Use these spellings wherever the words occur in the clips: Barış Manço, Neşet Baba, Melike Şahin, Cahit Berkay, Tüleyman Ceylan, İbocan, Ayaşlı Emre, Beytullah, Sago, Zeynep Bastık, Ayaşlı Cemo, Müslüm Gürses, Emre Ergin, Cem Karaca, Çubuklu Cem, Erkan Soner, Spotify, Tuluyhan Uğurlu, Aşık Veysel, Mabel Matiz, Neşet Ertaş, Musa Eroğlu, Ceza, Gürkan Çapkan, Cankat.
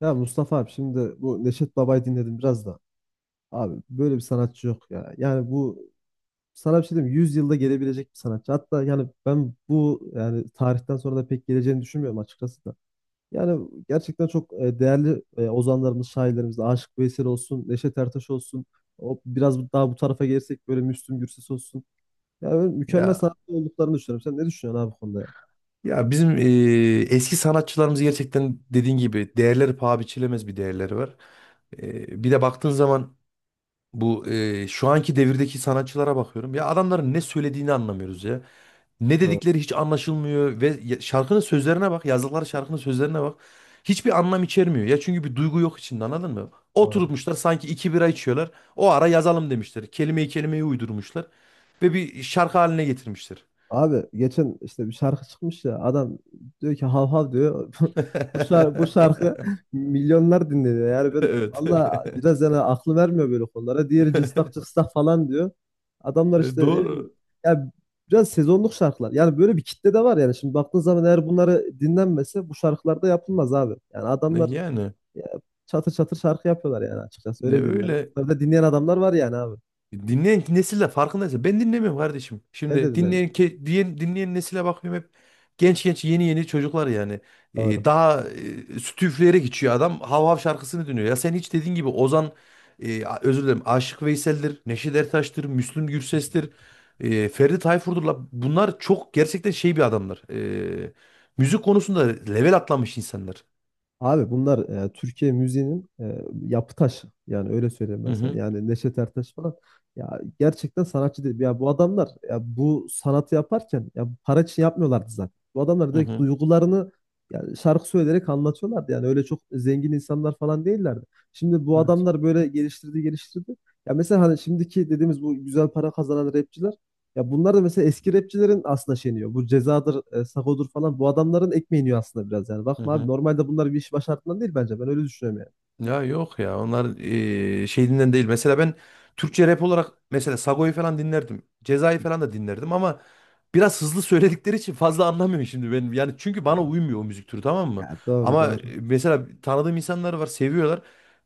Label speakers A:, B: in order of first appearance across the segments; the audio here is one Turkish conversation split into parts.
A: Ya Mustafa abi şimdi bu Neşet Baba'yı dinledim biraz da. Abi böyle bir sanatçı yok ya. Yani bu sana bir şey diyeyim mi? 100 yılda gelebilecek bir sanatçı. Hatta yani ben bu yani tarihten sonra da pek geleceğini düşünmüyorum açıkçası da. Yani gerçekten çok değerli ozanlarımız, şairlerimiz, Aşık Veysel olsun, Neşet Ertaş olsun. O biraz daha bu tarafa gelirsek böyle Müslüm Gürses olsun. Yani böyle mükemmel
B: Ya
A: sanatçı olduklarını düşünüyorum. Sen ne düşünüyorsun abi bu konuda ya?
B: ya bizim eski sanatçılarımız gerçekten dediğin gibi değerleri paha biçilemez bir değerleri var. Bir de baktığın zaman bu şu anki devirdeki sanatçılara bakıyorum. Ya adamların ne söylediğini anlamıyoruz ya. Ne
A: Doğru.
B: dedikleri hiç anlaşılmıyor şarkının sözlerine bak, yazdıkları şarkının sözlerine bak. Hiçbir anlam içermiyor. Ya çünkü bir duygu yok içinde, anladın mı?
A: Doğru.
B: Oturmuşlar sanki iki bira içiyorlar. O ara yazalım demişler. Kelimeyi kelimeye uydurmuşlar ve bir şarkı haline getirmişler.
A: Abi geçen işte bir şarkı çıkmış ya adam diyor ki hav hav diyor. Bu şarkı milyonlar dinleniyor. Yani ben
B: Evet.
A: valla biraz yani aklı vermiyor böyle konulara. Diğeri cıstak cıstak falan diyor. Adamlar işte ne bileyim
B: Doğru.
A: ya biraz sezonluk şarkılar. Yani böyle bir kitle de var yani. Şimdi baktığın zaman eğer bunları dinlenmese bu şarkılar da yapılmaz abi. Yani adamlar
B: Yani
A: ya, çatır çatır şarkı yapıyorlar yani açıkçası öyle diyeyim yani.
B: öyle
A: Bunları da dinleyen adamlar var yani abi.
B: dinleyen nesille farkındaysa ben dinlemiyorum kardeşim.
A: Ben de
B: Şimdi dinleyen
A: dinlemiyorum.
B: ke- diyen dinleyen nesile bakıyorum, hep genç genç yeni yeni çocuklar yani.
A: Doğru.
B: Daha sütü üfleyerek içiyor adam. Hav hav şarkısını dinliyor. Ya sen hiç dediğin gibi özür dilerim, Aşık Veysel'dir, Neşet Ertaş'tır, Müslüm Gürses'tir, Ferdi Tayfur'dur. La. Bunlar çok gerçekten şey bir adamlar. E, Müzik konusunda level atlamış insanlar.
A: Abi bunlar Türkiye müziğinin yapı taşı. Yani öyle söyleyeyim
B: Hı
A: ben sana.
B: hı.
A: Yani Neşet Ertaş falan. Ya gerçekten sanatçı değil. Ya bu adamlar ya bu sanatı yaparken ya para için yapmıyorlardı zaten. Bu adamlar
B: Hı
A: direkt
B: hı.
A: duygularını yani şarkı söyleyerek anlatıyorlardı. Yani öyle çok zengin insanlar falan değillerdi. Şimdi bu
B: Evet.
A: adamlar böyle geliştirdi geliştirdi. Ya mesela hani şimdiki dediğimiz bu güzel para kazanan rapçiler ya bunlar da mesela eski rapçilerin aslında şeyini yiyor. Bu cezadır, sagodur falan bu adamların ekmeğini yiyor aslında biraz yani.
B: Hı
A: Bakma abi
B: hı.
A: normalde bunlar bir iş başardığından değil bence. Ben öyle düşünüyorum yani.
B: Ya yok ya, onlar şeyinden değil. Mesela ben Türkçe rap olarak mesela Sago'yu falan dinlerdim. Ceza'yı falan da dinlerdim ama biraz hızlı söyledikleri için fazla anlamıyorum şimdi ben. Yani çünkü bana uymuyor o müzik türü, tamam mı?
A: Ya doğru
B: Ama
A: doğru.
B: mesela tanıdığım insanlar var, seviyorlar.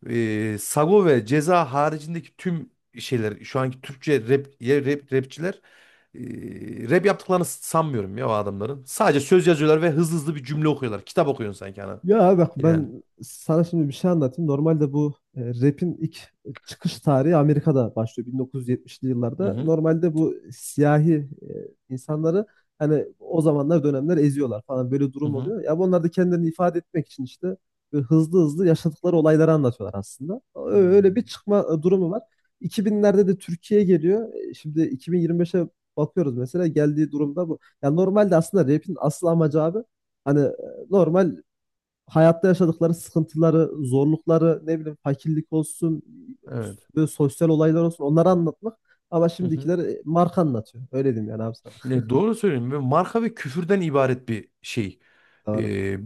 B: Sago ve Ceza haricindeki tüm şeyler, şu anki Türkçe rap, rapçiler rap yaptıklarını sanmıyorum ya o adamların. Sadece söz yazıyorlar ve hızlı hızlı bir cümle okuyorlar. Kitap okuyorsun sanki ana.
A: Ya bak
B: Yani.
A: ben sana şimdi bir şey anlatayım. Normalde bu rap'in ilk çıkış tarihi Amerika'da başlıyor 1970'li yıllarda. Normalde bu siyahi insanları hani o zamanlar dönemler eziyorlar falan böyle
B: Hı
A: durum
B: hı.
A: oluyor. Ya bunlar da kendilerini ifade etmek için işte böyle hızlı hızlı yaşadıkları olayları anlatıyorlar aslında. Öyle bir
B: Hmm,
A: çıkma durumu var. 2000'lerde de Türkiye'ye geliyor. Şimdi 2025'e bakıyoruz mesela geldiği durumda bu. Ya normalde aslında rap'in asıl amacı abi hani normal hayatta yaşadıkları sıkıntıları, zorlukları, ne bileyim fakirlik olsun,
B: Evet.
A: böyle sosyal olaylar olsun onları anlatmak. Ama
B: Hı hı.
A: şimdikiler marka anlatıyor. Öyle diyeyim yani abi sana.
B: Ya doğru söylüyorum. Ve marka ve küfürden ibaret bir şey.
A: Doğru.
B: Ee,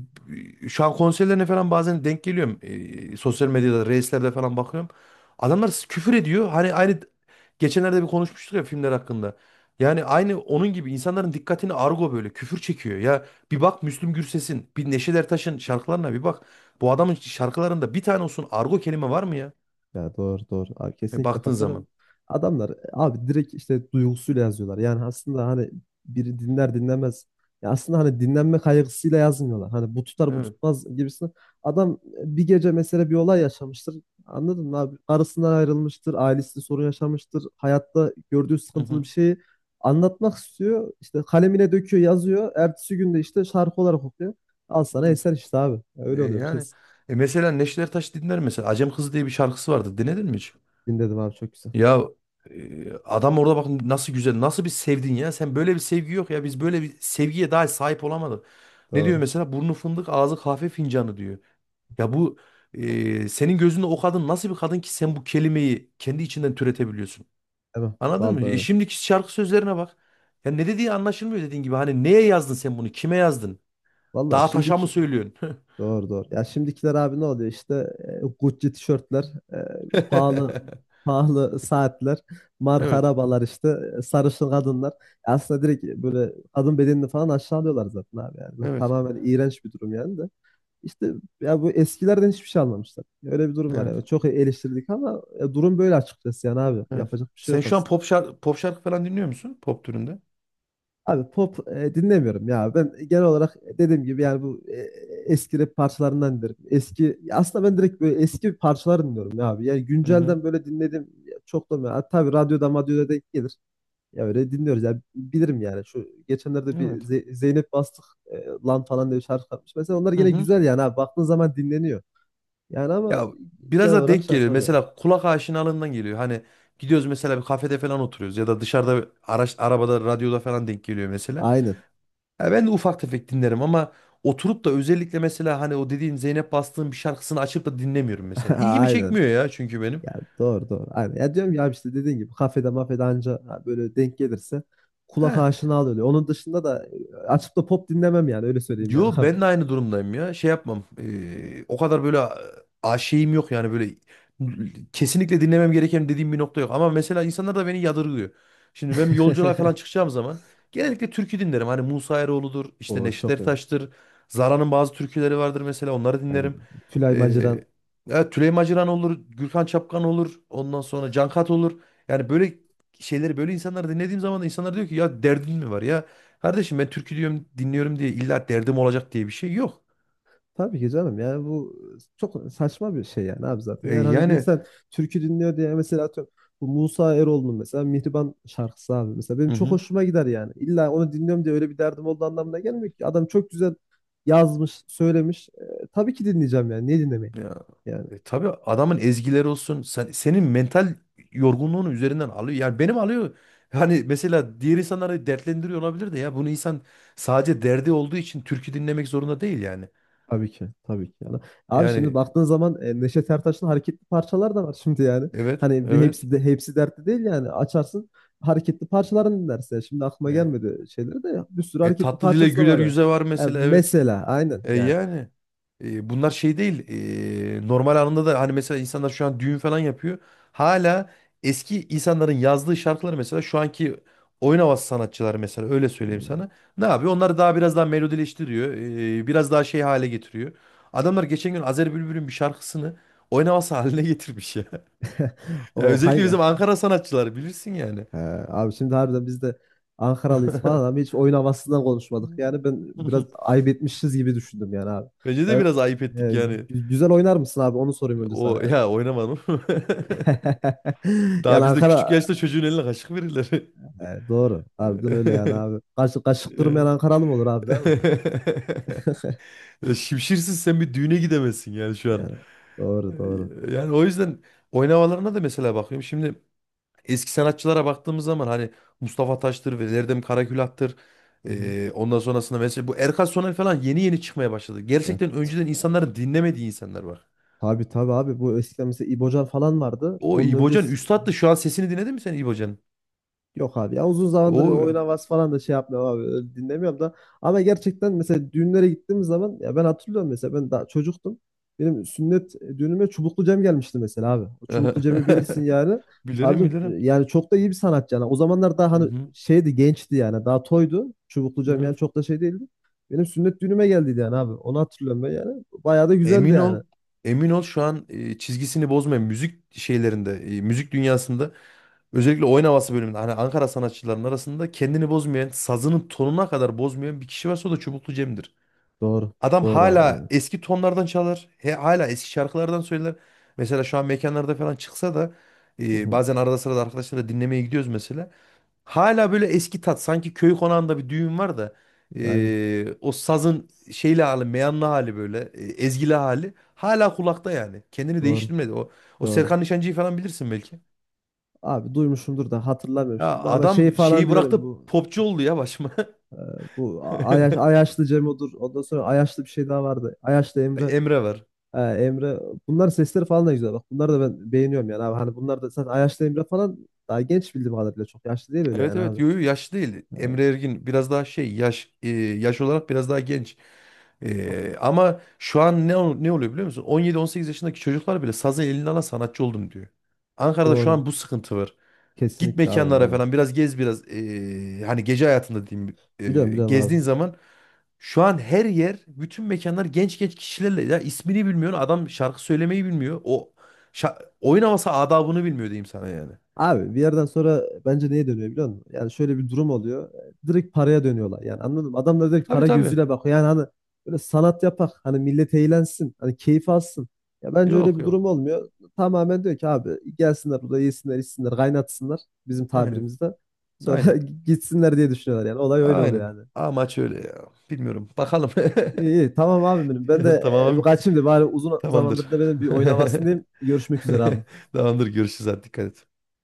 B: Şu an konserlerine falan bazen denk geliyorum. Sosyal medyada, reislerde falan bakıyorum. Adamlar küfür ediyor. Hani aynı geçenlerde bir konuşmuştuk ya filmler hakkında. Yani aynı onun gibi insanların dikkatini argo, böyle küfür çekiyor. Ya bir bak Müslüm Gürses'in, bir Neşet Ertaş'ın şarkılarına bir bak. Bu adamın şarkılarında bir tane olsun argo kelime var mı ya?
A: Ya doğru doğru. Abi kesinlikle
B: Baktığın
A: katılırım.
B: zaman.
A: Adamlar abi direkt işte duygusuyla yazıyorlar. Yani aslında hani biri dinler dinlemez. Ya aslında hani dinlenme kaygısıyla yazmıyorlar. Hani bu tutar bu
B: Evet.
A: tutmaz gibisine. Adam bir gece mesela bir olay yaşamıştır. Anladın mı abi? Karısından ayrılmıştır, ailesinde sorun yaşamıştır. Hayatta gördüğü
B: Hı
A: sıkıntılı bir
B: hı.
A: şeyi anlatmak istiyor. İşte kalemine döküyor, yazıyor. Ertesi günde işte şarkı olarak okuyor. Al sana
B: Evet.
A: eser işte abi. Ya öyle oluyor
B: Yani
A: biraz.
B: mesela Neşet Ertaş dinler mesela. Acem Kızı diye bir şarkısı vardı. Dinledin mi hiç?
A: Dinledim abi çok güzel.
B: Ya adam orada bakın nasıl güzel, nasıl bir sevdin ya. Sen böyle bir sevgi yok ya. Biz böyle bir sevgiye daha sahip olamadık. Ne diyor
A: Doğru.
B: mesela? Burnu fındık, ağzı kahve fincanı diyor. Ya bu senin gözünde o kadın nasıl bir kadın ki sen bu kelimeyi kendi içinden türetebiliyorsun?
A: Tamam.
B: Anladın mı?
A: Vallahi öyle.
B: Şimdiki şarkı sözlerine bak. Ya ne dediği anlaşılmıyor dediğin gibi. Hani neye yazdın sen bunu? Kime yazdın?
A: Valla
B: Dağa taşa mı
A: şimdiki
B: söylüyorsun?
A: doğru doğru. Ya şimdikiler abi ne oluyor işte Gucci tişörtler, e, pahalı pahalı saatler, marka
B: Evet,
A: arabalar işte, sarışın kadınlar. Aslında direkt böyle kadın bedenini falan aşağılıyorlar zaten abi yani. Böyle
B: evet.
A: tamamen iğrenç bir durum yani de. İşte ya bu eskilerden hiçbir şey almamışlar. Öyle bir durum var
B: Evet.
A: yani. Çok eleştirdik ama durum böyle açıkçası yani abi.
B: Evet.
A: Yapacak bir şey
B: Sen
A: yok
B: şu an
A: aslında.
B: pop şarkı, pop şarkı falan dinliyor musun? Pop türünde.
A: Abi pop dinlemiyorum ya. Ben genel olarak dediğim gibi yani bu eski rap parçalarından dinlerim. Eski ya aslında ben direkt böyle eski parçalar dinliyorum ya abi. Yani
B: Hı hı.
A: güncelden böyle dinledim çok da ya. Tabii radyoda madyoda denk gelir. Ya öyle dinliyoruz ya. Bilirim yani. Şu geçenlerde bir
B: Evet.
A: Zeynep Bastık lan falan diye bir şarkı yapmış. Mesela onlar
B: Hı
A: yine
B: hı.
A: güzel yani abi. Baktığın zaman dinleniyor. Yani ama
B: Ya biraz
A: genel
B: da
A: olarak
B: denk
A: şey
B: geliyor.
A: yapmam yani.
B: Mesela kulak aşinalığından geliyor. Hani gidiyoruz mesela bir kafede falan oturuyoruz ya da dışarıda arabada radyoda falan denk geliyor mesela.
A: Aynen.
B: Ya ben de ufak tefek dinlerim ama oturup da özellikle mesela hani o dediğin Zeynep Bastık'ın bir şarkısını açıp da dinlemiyorum mesela. İlgimi
A: Aynen.
B: çekmiyor ya çünkü benim.
A: Ya doğru doğru. Aynen. Ya diyorum ya işte dediğin gibi kafede mafede anca ha, böyle denk gelirse kulak
B: He.
A: aşina oluyor. Onun dışında da açıp da pop dinlemem yani öyle söyleyeyim yani
B: Yo,
A: abi.
B: ben de aynı durumdayım ya. Şey yapmam. O kadar böyle şeyim yok yani, böyle kesinlikle dinlemem gereken dediğim bir nokta yok. Ama mesela insanlar da beni yadırgıyor. Şimdi ben yolculuğa falan çıkacağım zaman genellikle türkü dinlerim. Hani Musa Eroğlu'dur, işte
A: O
B: Neşet
A: çok iyi.
B: Ertaş'tır. Zara'nın bazı türküleri vardır mesela, onları dinlerim.
A: Aynen. Tülay
B: Eee
A: Maciran.
B: evet, Tüleyman Ceylan olur, Gürkan Çapkan olur, ondan sonra Cankat olur. Yani böyle şeyleri, böyle insanları dinlediğim zaman da insanlar diyor ki ya derdin mi var ya? Kardeşim ben türkü diyorum, dinliyorum diye illa derdim olacak diye bir şey yok.
A: Tabii ki canım yani bu çok saçma bir şey yani abi zaten.
B: E,
A: Yani hani bir
B: yani
A: insan türkü dinliyor diye mesela atıyorum bu Musa Eroğlu'nun mesela Mihriban şarkısı abi mesela benim
B: Hı
A: çok
B: hı.
A: hoşuma gider yani. İlla onu dinliyorum diye öyle bir derdim olduğu anlamına gelmiyor ki. Adam çok güzel yazmış, söylemiş. Tabii ki dinleyeceğim yani. Niye dinlemeyeyim?
B: ya,
A: Yani.
B: tabii adamın ezgileri olsun senin mental yorgunluğunu üzerinden alıyor. Yani benim alıyor. Hani mesela diğer insanları dertlendiriyor olabilir de ya bunu insan sadece derdi olduğu için türkü dinlemek zorunda değil yani.
A: Tabii ki. Tabii ki. Yani. Abi şimdi
B: Yani
A: baktığın zaman Neşet Ertaş'ın hareketli parçalar da var şimdi yani.
B: evet,
A: Hani bir
B: evet.
A: hepsi de hepsi dertli değil yani. Açarsın hareketli parçalarını dinlersin. Şimdi aklıma
B: E,
A: gelmedi şeyleri de bir sürü hareketli
B: Tatlı dile
A: parçası da
B: güler
A: var yani.
B: yüze var
A: Ha,
B: mesela, evet.
A: mesela aynen
B: E,
A: yani.
B: yani. Bunlar şey değil. Normal anında da hani mesela insanlar şu an düğün falan yapıyor. Hala eski insanların yazdığı şarkıları mesela şu anki oyun havası sanatçıları, mesela öyle söyleyeyim
A: Hmm.
B: sana. Ne yapıyor? Onları daha biraz daha melodileştiriyor. Biraz daha şey hale getiriyor. Adamlar geçen gün Azer Bülbül'ün bir şarkısını oyun havası haline getirmiş ya. Ya
A: O
B: özellikle
A: hangi
B: bizim Ankara sanatçıları bilirsin yani.
A: he, abi şimdi harbiden biz de Ankaralıyız falan ama hiç oyun havasından konuşmadık. Yani ben biraz ayıp etmişiz gibi düşündüm yani abi.
B: Bence de
A: Yani,
B: biraz ayıp ettik yani.
A: güzel oynar mısın abi? Onu sorayım önce sana
B: O
A: yani.
B: ya, oynamadım.
A: Yani
B: Daha bizde
A: Ankara.
B: küçük yaşta çocuğun eline kaşık verirler.
A: Doğru. Harbiden öyle yani abi. Kaşık, kaşık
B: Ya.
A: kırmayan Ankaralı mı olur abi değil mi?
B: Ya Şimşirsiz sen bir düğüne gidemezsin yani şu an.
A: Yani, doğru doğru.
B: Yani o yüzden oynamalarına da mesela bakıyorum. Şimdi eski sanatçılara baktığımız zaman hani Mustafa Taş'tır ve Erdem Karakülat'tır.
A: Hı hı.
B: Ondan sonrasında mesela bu Erkan Soner falan yeni yeni çıkmaya başladı.
A: Ya,
B: Gerçekten önceden insanların dinlemediği insanlar var.
A: tabii tabii abi bu eskiden mesela İbocan falan vardı.
B: O
A: Onun
B: İbocan
A: öncesi
B: üstattı. Şu an sesini dinledin mi sen İbocan'ın?
A: yok abi ya uzun zamandır bir oyun
B: O
A: havası falan da şey yapmıyorum abi öyle dinlemiyorum da ama gerçekten mesela düğünlere gittiğimiz zaman ya ben hatırlıyorum mesela ben daha çocuktum benim sünnet düğünüme Çubuklu Cem gelmişti mesela abi o Çubuklu Cem'i bilirsin yani.
B: bilirim
A: Harbiden,
B: bilirim.
A: yani çok da iyi bir sanatçı yani o zamanlar daha
B: Hı
A: hani
B: hı.
A: şeydi gençti yani daha toydu Çubuklu Cem
B: Evet.
A: yani çok da şey değildi benim sünnet düğünüme geldiydi yani abi onu hatırlıyorum ben yani bayağı da güzeldi
B: Emin ol,
A: yani
B: emin ol, şu an çizgisini bozmayan müzik dünyasında, özellikle oyun havası bölümünde, hani Ankara sanatçıların arasında kendini bozmayan, sazının tonuna kadar bozmayan bir kişi varsa o da Çubuklu Cem'dir.
A: doğru
B: Adam
A: doğru abi
B: hala
A: aynen.
B: eski tonlardan çalar, he, hala eski şarkılardan söyler. Mesela şu an mekanlarda falan çıksa da
A: Hı hı,
B: bazen arada sırada arkadaşlarla dinlemeye gidiyoruz mesela. Hala böyle eski tat, sanki köy konağında bir düğün var da
A: aynen
B: o sazın şeyli hali, meyanlı hali, böyle ezgili hali hala kulakta yani, kendini
A: doğru
B: değiştirmedi o.
A: doğru.
B: Serkan Nişancı'yı falan bilirsin belki.
A: Abi duymuşumdur da hatırlamıyorum
B: Ya
A: şimdi ama şeyi
B: adam
A: falan
B: şeyi
A: bilirim
B: bıraktı,
A: bu
B: popçu oldu ya başıma.
A: bu Ayaş, Ayaşlı Cemo'dur ondan sonra Ayaşlı bir şey daha vardı Ayaşlı Emre
B: Emre var.
A: Emre bunların sesleri falan da güzel bak bunları da ben beğeniyorum yani abi hani bunlar da zaten Ayaşlı Emre falan daha genç bildiğim kadarıyla çok yaşlı değil öyle
B: Evet
A: yani
B: evet,
A: abi.
B: yo yo, yaşlı değil. Emre Ergin biraz daha şey yaş, yaş olarak biraz daha genç.
A: Bak,
B: Ama şu an ne oluyor biliyor musun? 17 18 yaşındaki çocuklar bile sazı eline alan sanatçı oldum diyor. Ankara'da şu
A: doğru
B: an bu sıkıntı var. Git
A: kesinlikle abi
B: mekanlara
A: aynen
B: falan biraz gez, biraz hani gece hayatında diyeyim,
A: biliyorum biliyorum
B: gezdiğin
A: abi.
B: zaman şu an her yer, bütün mekanlar genç genç kişilerle, ya ismini bilmiyor adam, şarkı söylemeyi bilmiyor. Oyun havası adabını bilmiyor diyeyim sana yani.
A: Abi bir yerden sonra bence neye dönüyor biliyor musun? Yani şöyle bir durum oluyor. Direkt paraya dönüyorlar. Yani anladın mı? Adam da direkt
B: Tabii
A: para
B: tabii.
A: gözüyle bakıyor. Yani hani böyle sanat yapak. Hani millet eğlensin. Hani keyif alsın. Ya bence öyle
B: Yok
A: bir
B: yok.
A: durum olmuyor. Tamamen diyor ki abi gelsinler burada yesinler içsinler kaynatsınlar bizim
B: Aynen.
A: tabirimizde. Sonra
B: Aynen.
A: gitsinler diye düşünüyorlar yani. Olay öyle oluyor
B: Aynen.
A: yani.
B: Amaç öyle ya. Bilmiyorum. Bakalım.
A: İyi, iyi. Tamam abi benim. Ben de
B: Tamam.
A: kaçayım da bari uzun
B: Tamamdır.
A: zamandır da benim bir oyun havasındayım. Görüşmek üzere abi.
B: Tamamdır. Görüşürüz. Hadi dikkat et.